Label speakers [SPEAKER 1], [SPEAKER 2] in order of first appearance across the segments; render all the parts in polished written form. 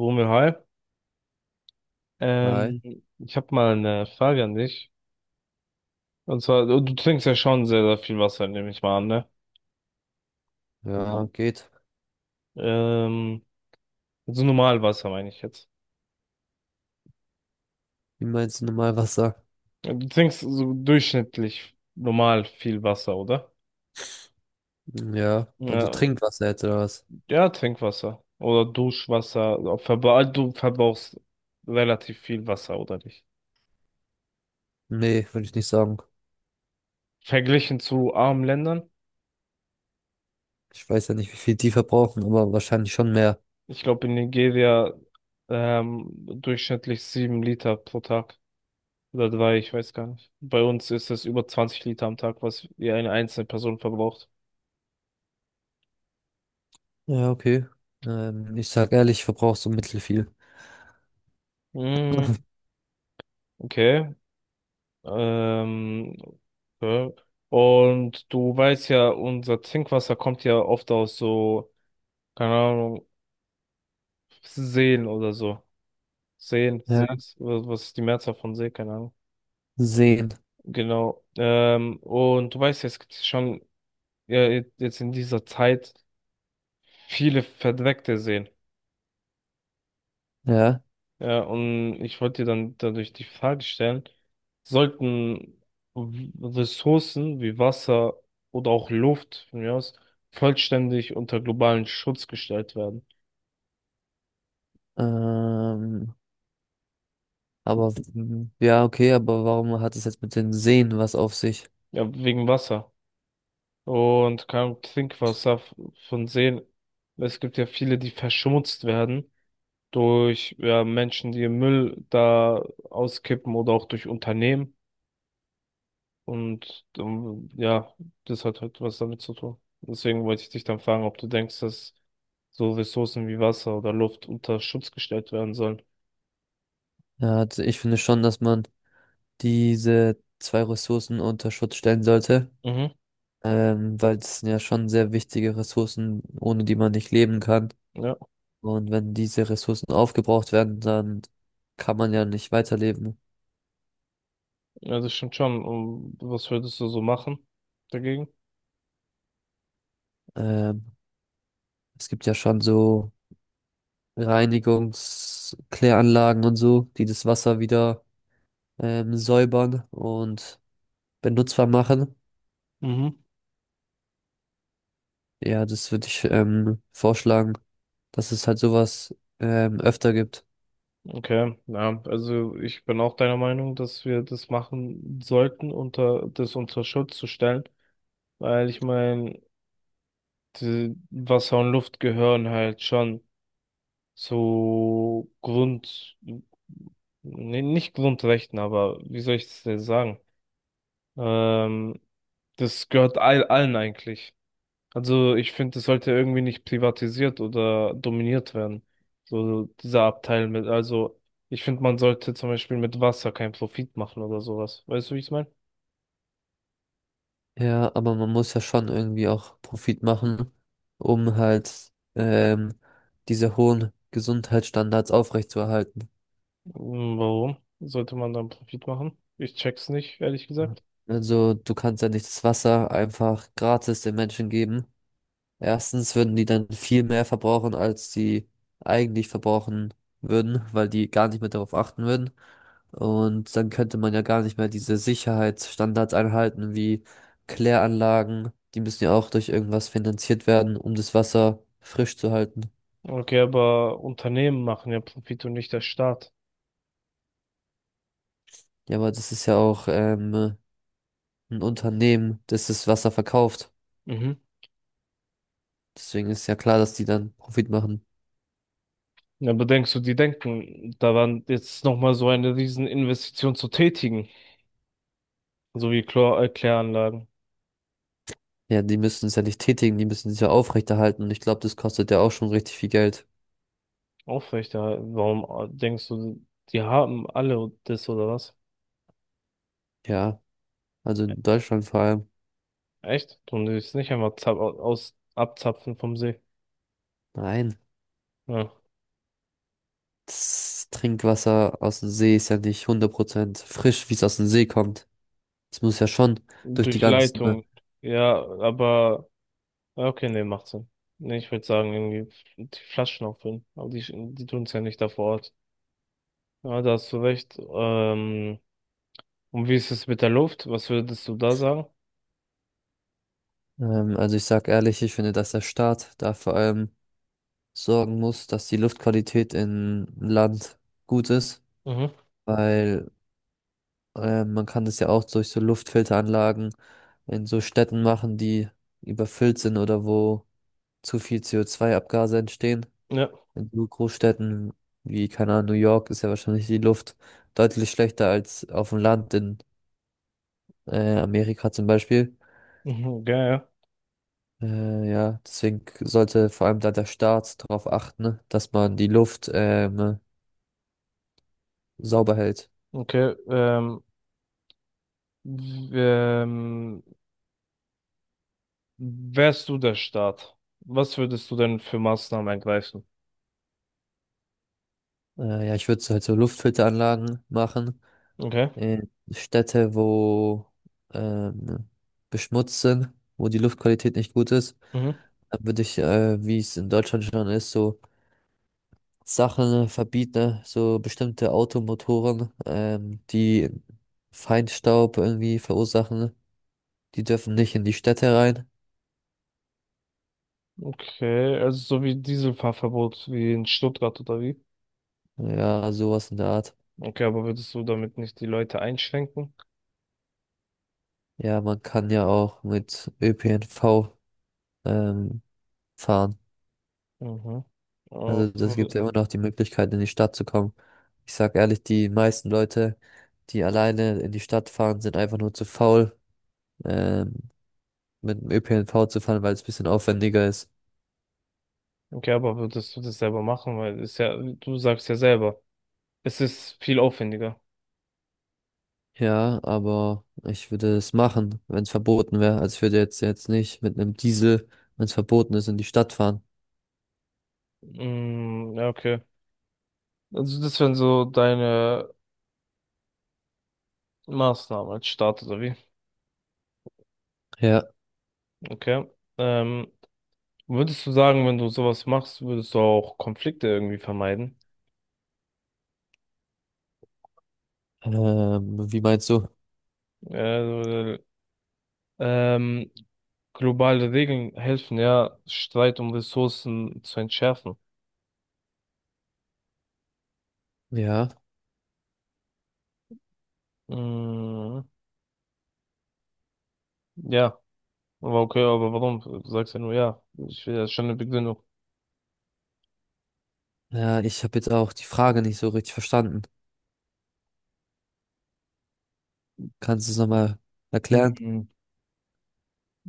[SPEAKER 1] Romeo, hi.
[SPEAKER 2] Hi.
[SPEAKER 1] Ähm, ich habe mal eine Frage an dich. Und zwar, du trinkst ja schon sehr, sehr viel Wasser, nehme ich mal an, ne?
[SPEAKER 2] Ja, geht.
[SPEAKER 1] Ähm, also normal Wasser meine ich jetzt.
[SPEAKER 2] Wie meinst du normal Wasser?
[SPEAKER 1] Du trinkst so durchschnittlich normal viel Wasser, oder?
[SPEAKER 2] Ja, also
[SPEAKER 1] Ja,
[SPEAKER 2] Trinkwasser jetzt oder was?
[SPEAKER 1] ja, Trinkwasser oder Duschwasser. Also Verbra du verbrauchst relativ viel Wasser, oder nicht?
[SPEAKER 2] Nee, würde ich nicht sagen.
[SPEAKER 1] Verglichen zu armen Ländern.
[SPEAKER 2] Ich weiß ja nicht, wie viel die verbrauchen, aber wahrscheinlich schon mehr.
[SPEAKER 1] Ich glaube, in Nigeria durchschnittlich 7 Liter pro Tag. Oder drei, ich weiß gar nicht. Bei uns ist das über 20 Liter am Tag, was wir eine einzelne Person verbraucht.
[SPEAKER 2] Ja, okay. Ich sag ehrlich, ich verbrauche so mittelfiel.
[SPEAKER 1] Mm, okay. Ähm, okay. Und du weißt ja, unser Trinkwasser kommt ja oft aus so, keine Ahnung, Seen oder so. Seen,
[SPEAKER 2] Ja.
[SPEAKER 1] Sees, was ist die Mehrzahl von See, keine Ahnung.
[SPEAKER 2] Sehen.
[SPEAKER 1] Genau. Und du weißt ja, es gibt schon ja, jetzt in dieser Zeit viele verdreckte Seen.
[SPEAKER 2] Ja.
[SPEAKER 1] Ja, und ich wollte dir dann dadurch die Frage stellen, sollten W- Ressourcen wie Wasser oder auch Luft von mir aus vollständig unter globalen Schutz gestellt werden?
[SPEAKER 2] Ähm, aber ja, okay, aber warum hat es jetzt mit den Seen was auf sich?
[SPEAKER 1] Ja, wegen Wasser. Und kein Trinkwasser von Seen. Es gibt ja viele, die verschmutzt werden durch ja, Menschen, die Müll da auskippen oder auch durch Unternehmen. Und ja, das hat halt was damit zu tun. Deswegen wollte ich dich dann fragen, ob du denkst, dass so Ressourcen wie Wasser oder Luft unter Schutz gestellt werden sollen.
[SPEAKER 2] Ja, also ich finde schon, dass man diese zwei Ressourcen unter Schutz stellen sollte.
[SPEAKER 1] Mhm.
[SPEAKER 2] Weil das sind ja schon sehr wichtige Ressourcen, ohne die man nicht leben kann.
[SPEAKER 1] Ja,
[SPEAKER 2] Und wenn diese Ressourcen aufgebraucht werden, dann kann man ja nicht weiterleben.
[SPEAKER 1] ja, das stimmt schon. Und was würdest du so machen dagegen?
[SPEAKER 2] Ähm, Es gibt ja schon so Reinigungskläranlagen und so, die das Wasser wieder säubern und benutzbar machen.
[SPEAKER 1] Mhm.
[SPEAKER 2] Ja, das würde ich vorschlagen, dass es halt sowas öfter gibt.
[SPEAKER 1] Okay, ja, also ich bin auch deiner Meinung, dass wir das machen sollten, unter das unter Schutz zu stellen, weil ich meine, Wasser und Luft gehören halt schon. So Grund, nee, nicht Grundrechten, aber wie soll ich das denn sagen? Ähm, das gehört allen eigentlich. Also ich finde, das sollte irgendwie nicht privatisiert oder dominiert werden. So dieser Abteil mit, also ich finde, man sollte zum Beispiel mit Wasser keinen Profit machen oder sowas. Weißt du, wie ich es meine?
[SPEAKER 2] Ja, aber man muss ja schon irgendwie auch Profit machen, um halt diese hohen Gesundheitsstandards aufrechtzuerhalten.
[SPEAKER 1] Hm, warum sollte man dann Profit machen? Ich check's nicht, ehrlich gesagt.
[SPEAKER 2] Also du kannst ja nicht das Wasser einfach gratis den Menschen geben. Erstens würden die dann viel mehr verbrauchen, als sie eigentlich verbrauchen würden, weil die gar nicht mehr darauf achten würden. Und dann könnte man ja gar nicht mehr diese Sicherheitsstandards einhalten, wie Kläranlagen. Die müssen ja auch durch irgendwas finanziert werden, um das Wasser frisch zu halten.
[SPEAKER 1] Okay, aber Unternehmen machen ja Profit und nicht der Staat.
[SPEAKER 2] Ja, aber das ist ja auch ein Unternehmen, das das Wasser verkauft.
[SPEAKER 1] Mhm.
[SPEAKER 2] Deswegen ist ja klar, dass die dann Profit machen.
[SPEAKER 1] Ja, aber denkst du, die denken daran, jetzt nochmal so eine riesen Investition zu tätigen, so wie Chlor Kläranlagen
[SPEAKER 2] Ja, die müssen es ja nicht tätigen, die müssen es ja aufrechterhalten. Und ich glaube, das kostet ja auch schon richtig viel Geld.
[SPEAKER 1] aufrechterhalten? Warum denkst du, die haben alle das oder was?
[SPEAKER 2] Ja, also
[SPEAKER 1] E-
[SPEAKER 2] in Deutschland vor allem.
[SPEAKER 1] Echt? Und die es nicht einfach zap aus abzapfen vom See?
[SPEAKER 2] Nein,
[SPEAKER 1] Ja.
[SPEAKER 2] das Trinkwasser aus dem See ist ja nicht 100% frisch, wie es aus dem See kommt. Das muss ja schon durch die
[SPEAKER 1] Durch
[SPEAKER 2] ganzen, ne?
[SPEAKER 1] Leitung. Ja, aber ja, okay, nee, macht Sinn. Nee, ich würde sagen, irgendwie die Flaschen auffüllen. Aber die, die tun es ja nicht da vor Ort. Ja, da hast du recht. Und wie ist es mit der Luft? Was würdest du da sagen?
[SPEAKER 2] Also ich sag ehrlich, ich finde, dass der Staat da vor allem sorgen muss, dass die Luftqualität im Land gut ist,
[SPEAKER 1] Mhm.
[SPEAKER 2] weil man kann das ja auch durch so Luftfilteranlagen in so Städten machen, die überfüllt sind oder wo zu viel CO2-Abgase entstehen.
[SPEAKER 1] Ja,
[SPEAKER 2] In so Großstädten wie, keine Ahnung, New York ist ja wahrscheinlich die Luft deutlich schlechter als auf dem Land in Amerika zum Beispiel.
[SPEAKER 1] mhm, ja, ja.
[SPEAKER 2] Ja, deswegen sollte vor allem da der Staat darauf achten, ne, dass man die Luft sauber hält.
[SPEAKER 1] Okay. W- ähm, wärst du der Staat? Was würdest du denn für Maßnahmen ergreifen?
[SPEAKER 2] Ja, ich würde halt so Luftfilteranlagen machen
[SPEAKER 1] Okay.
[SPEAKER 2] in Städte, wo ähm, beschmutzt sind, wo die Luftqualität nicht gut ist.
[SPEAKER 1] Mhm.
[SPEAKER 2] Dann würde ich, wie es in Deutschland schon ist, so Sachen verbieten, ne, so bestimmte Automotoren, die Feinstaub irgendwie verursachen, die dürfen nicht in die Städte rein.
[SPEAKER 1] Okay, also so wie Dieselfahrverbot wie in Stuttgart oder wie?
[SPEAKER 2] Ja, sowas in der Art.
[SPEAKER 1] Okay, aber würdest du damit nicht die Leute einschränken?
[SPEAKER 2] Ja, man kann ja auch mit ÖPNV ähm, fahren.
[SPEAKER 1] Mhm.
[SPEAKER 2] Also
[SPEAKER 1] Oh,
[SPEAKER 2] das gibt ja immer noch die Möglichkeit, in die Stadt zu kommen. Ich sag ehrlich, die meisten Leute, die alleine in die Stadt fahren, sind einfach nur zu faul, ähm, mit dem ÖPNV zu fahren, weil es ein bisschen aufwendiger ist.
[SPEAKER 1] okay, aber würdest du das selber machen? Weil ist ja, du sagst ja selber, es ist viel aufwendiger.
[SPEAKER 2] Ja, aber ich würde es machen, wenn es verboten wäre. Also ich würde jetzt nicht mit einem Diesel, wenn es verboten ist, in die Stadt fahren.
[SPEAKER 1] Mm, ja, okay. Also das wären so deine Maßnahmen als Staat oder wie?
[SPEAKER 2] Ja,
[SPEAKER 1] Okay. Ähm, würdest du sagen, wenn du sowas machst, würdest du auch Konflikte irgendwie vermeiden?
[SPEAKER 2] wie meinst du?
[SPEAKER 1] Äh, ähm, globale Regeln helfen ja, Streit um Ressourcen zu entschärfen.
[SPEAKER 2] Ja,
[SPEAKER 1] Mm, ja, aber okay, aber warum? Du sagst ja nur ja. Ich will ja schon eine Begründung.
[SPEAKER 2] ja, ich habe jetzt auch die Frage nicht so richtig verstanden. Kannst du es nochmal erklären?
[SPEAKER 1] Mhm.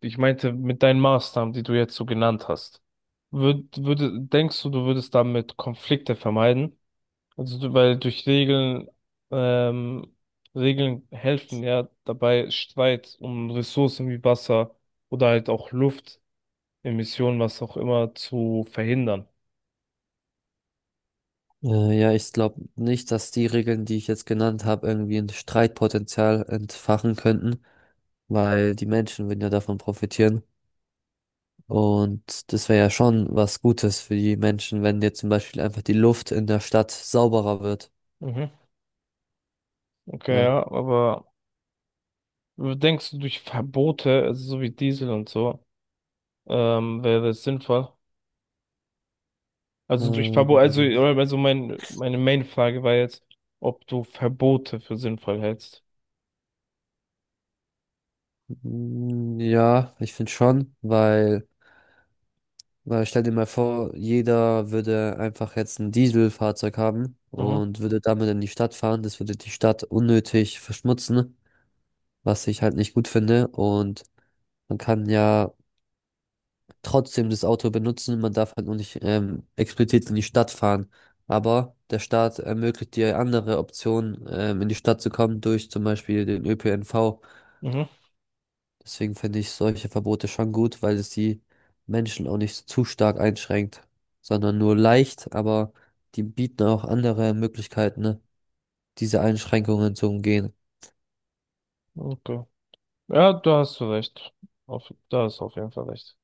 [SPEAKER 1] Ich meinte, mit deinen Maßnahmen, die du jetzt so genannt hast, würde, denkst du, du würdest damit Konflikte vermeiden? Also, weil durch Regeln, ähm, Regeln helfen ja dabei, Streit um Ressourcen wie Wasser oder halt auch Luft, Emissionen, was auch immer, zu verhindern.
[SPEAKER 2] Ja, ich glaube nicht, dass die Regeln, die ich jetzt genannt habe, irgendwie ein Streitpotenzial entfachen könnten, weil die Menschen würden ja davon profitieren. Und das wäre ja schon was Gutes für die Menschen, wenn jetzt zum Beispiel einfach die Luft in der Stadt sauberer wird.
[SPEAKER 1] Mhm. Okay,
[SPEAKER 2] Ja.
[SPEAKER 1] ja, aber denkst du, durch Verbote, also so wie Diesel und so, wäre es sinnvoll? Also durch Verbot, also,
[SPEAKER 2] Ähm,
[SPEAKER 1] also meine Main-Frage war jetzt, ob du Verbote für sinnvoll hältst.
[SPEAKER 2] ja, ich finde schon, Weil stell dir mal vor, jeder würde einfach jetzt ein Dieselfahrzeug haben
[SPEAKER 1] Mhm,
[SPEAKER 2] und würde damit in die Stadt fahren. Das würde die Stadt unnötig verschmutzen, was ich halt nicht gut finde. Und man kann ja trotzdem das Auto benutzen, man darf halt nur nicht explizit in die Stadt fahren. Aber der Staat ermöglicht dir andere Optionen, in die Stadt zu kommen, durch zum Beispiel den ÖPNV.
[SPEAKER 1] mhm,
[SPEAKER 2] Deswegen finde ich solche Verbote schon gut, weil es die Menschen auch nicht zu stark einschränkt, sondern nur leicht, aber die bieten auch andere Möglichkeiten, ne, diese Einschränkungen zu umgehen.
[SPEAKER 1] okay. Ja, da hast du recht. Da hast du auf jeden Fall recht.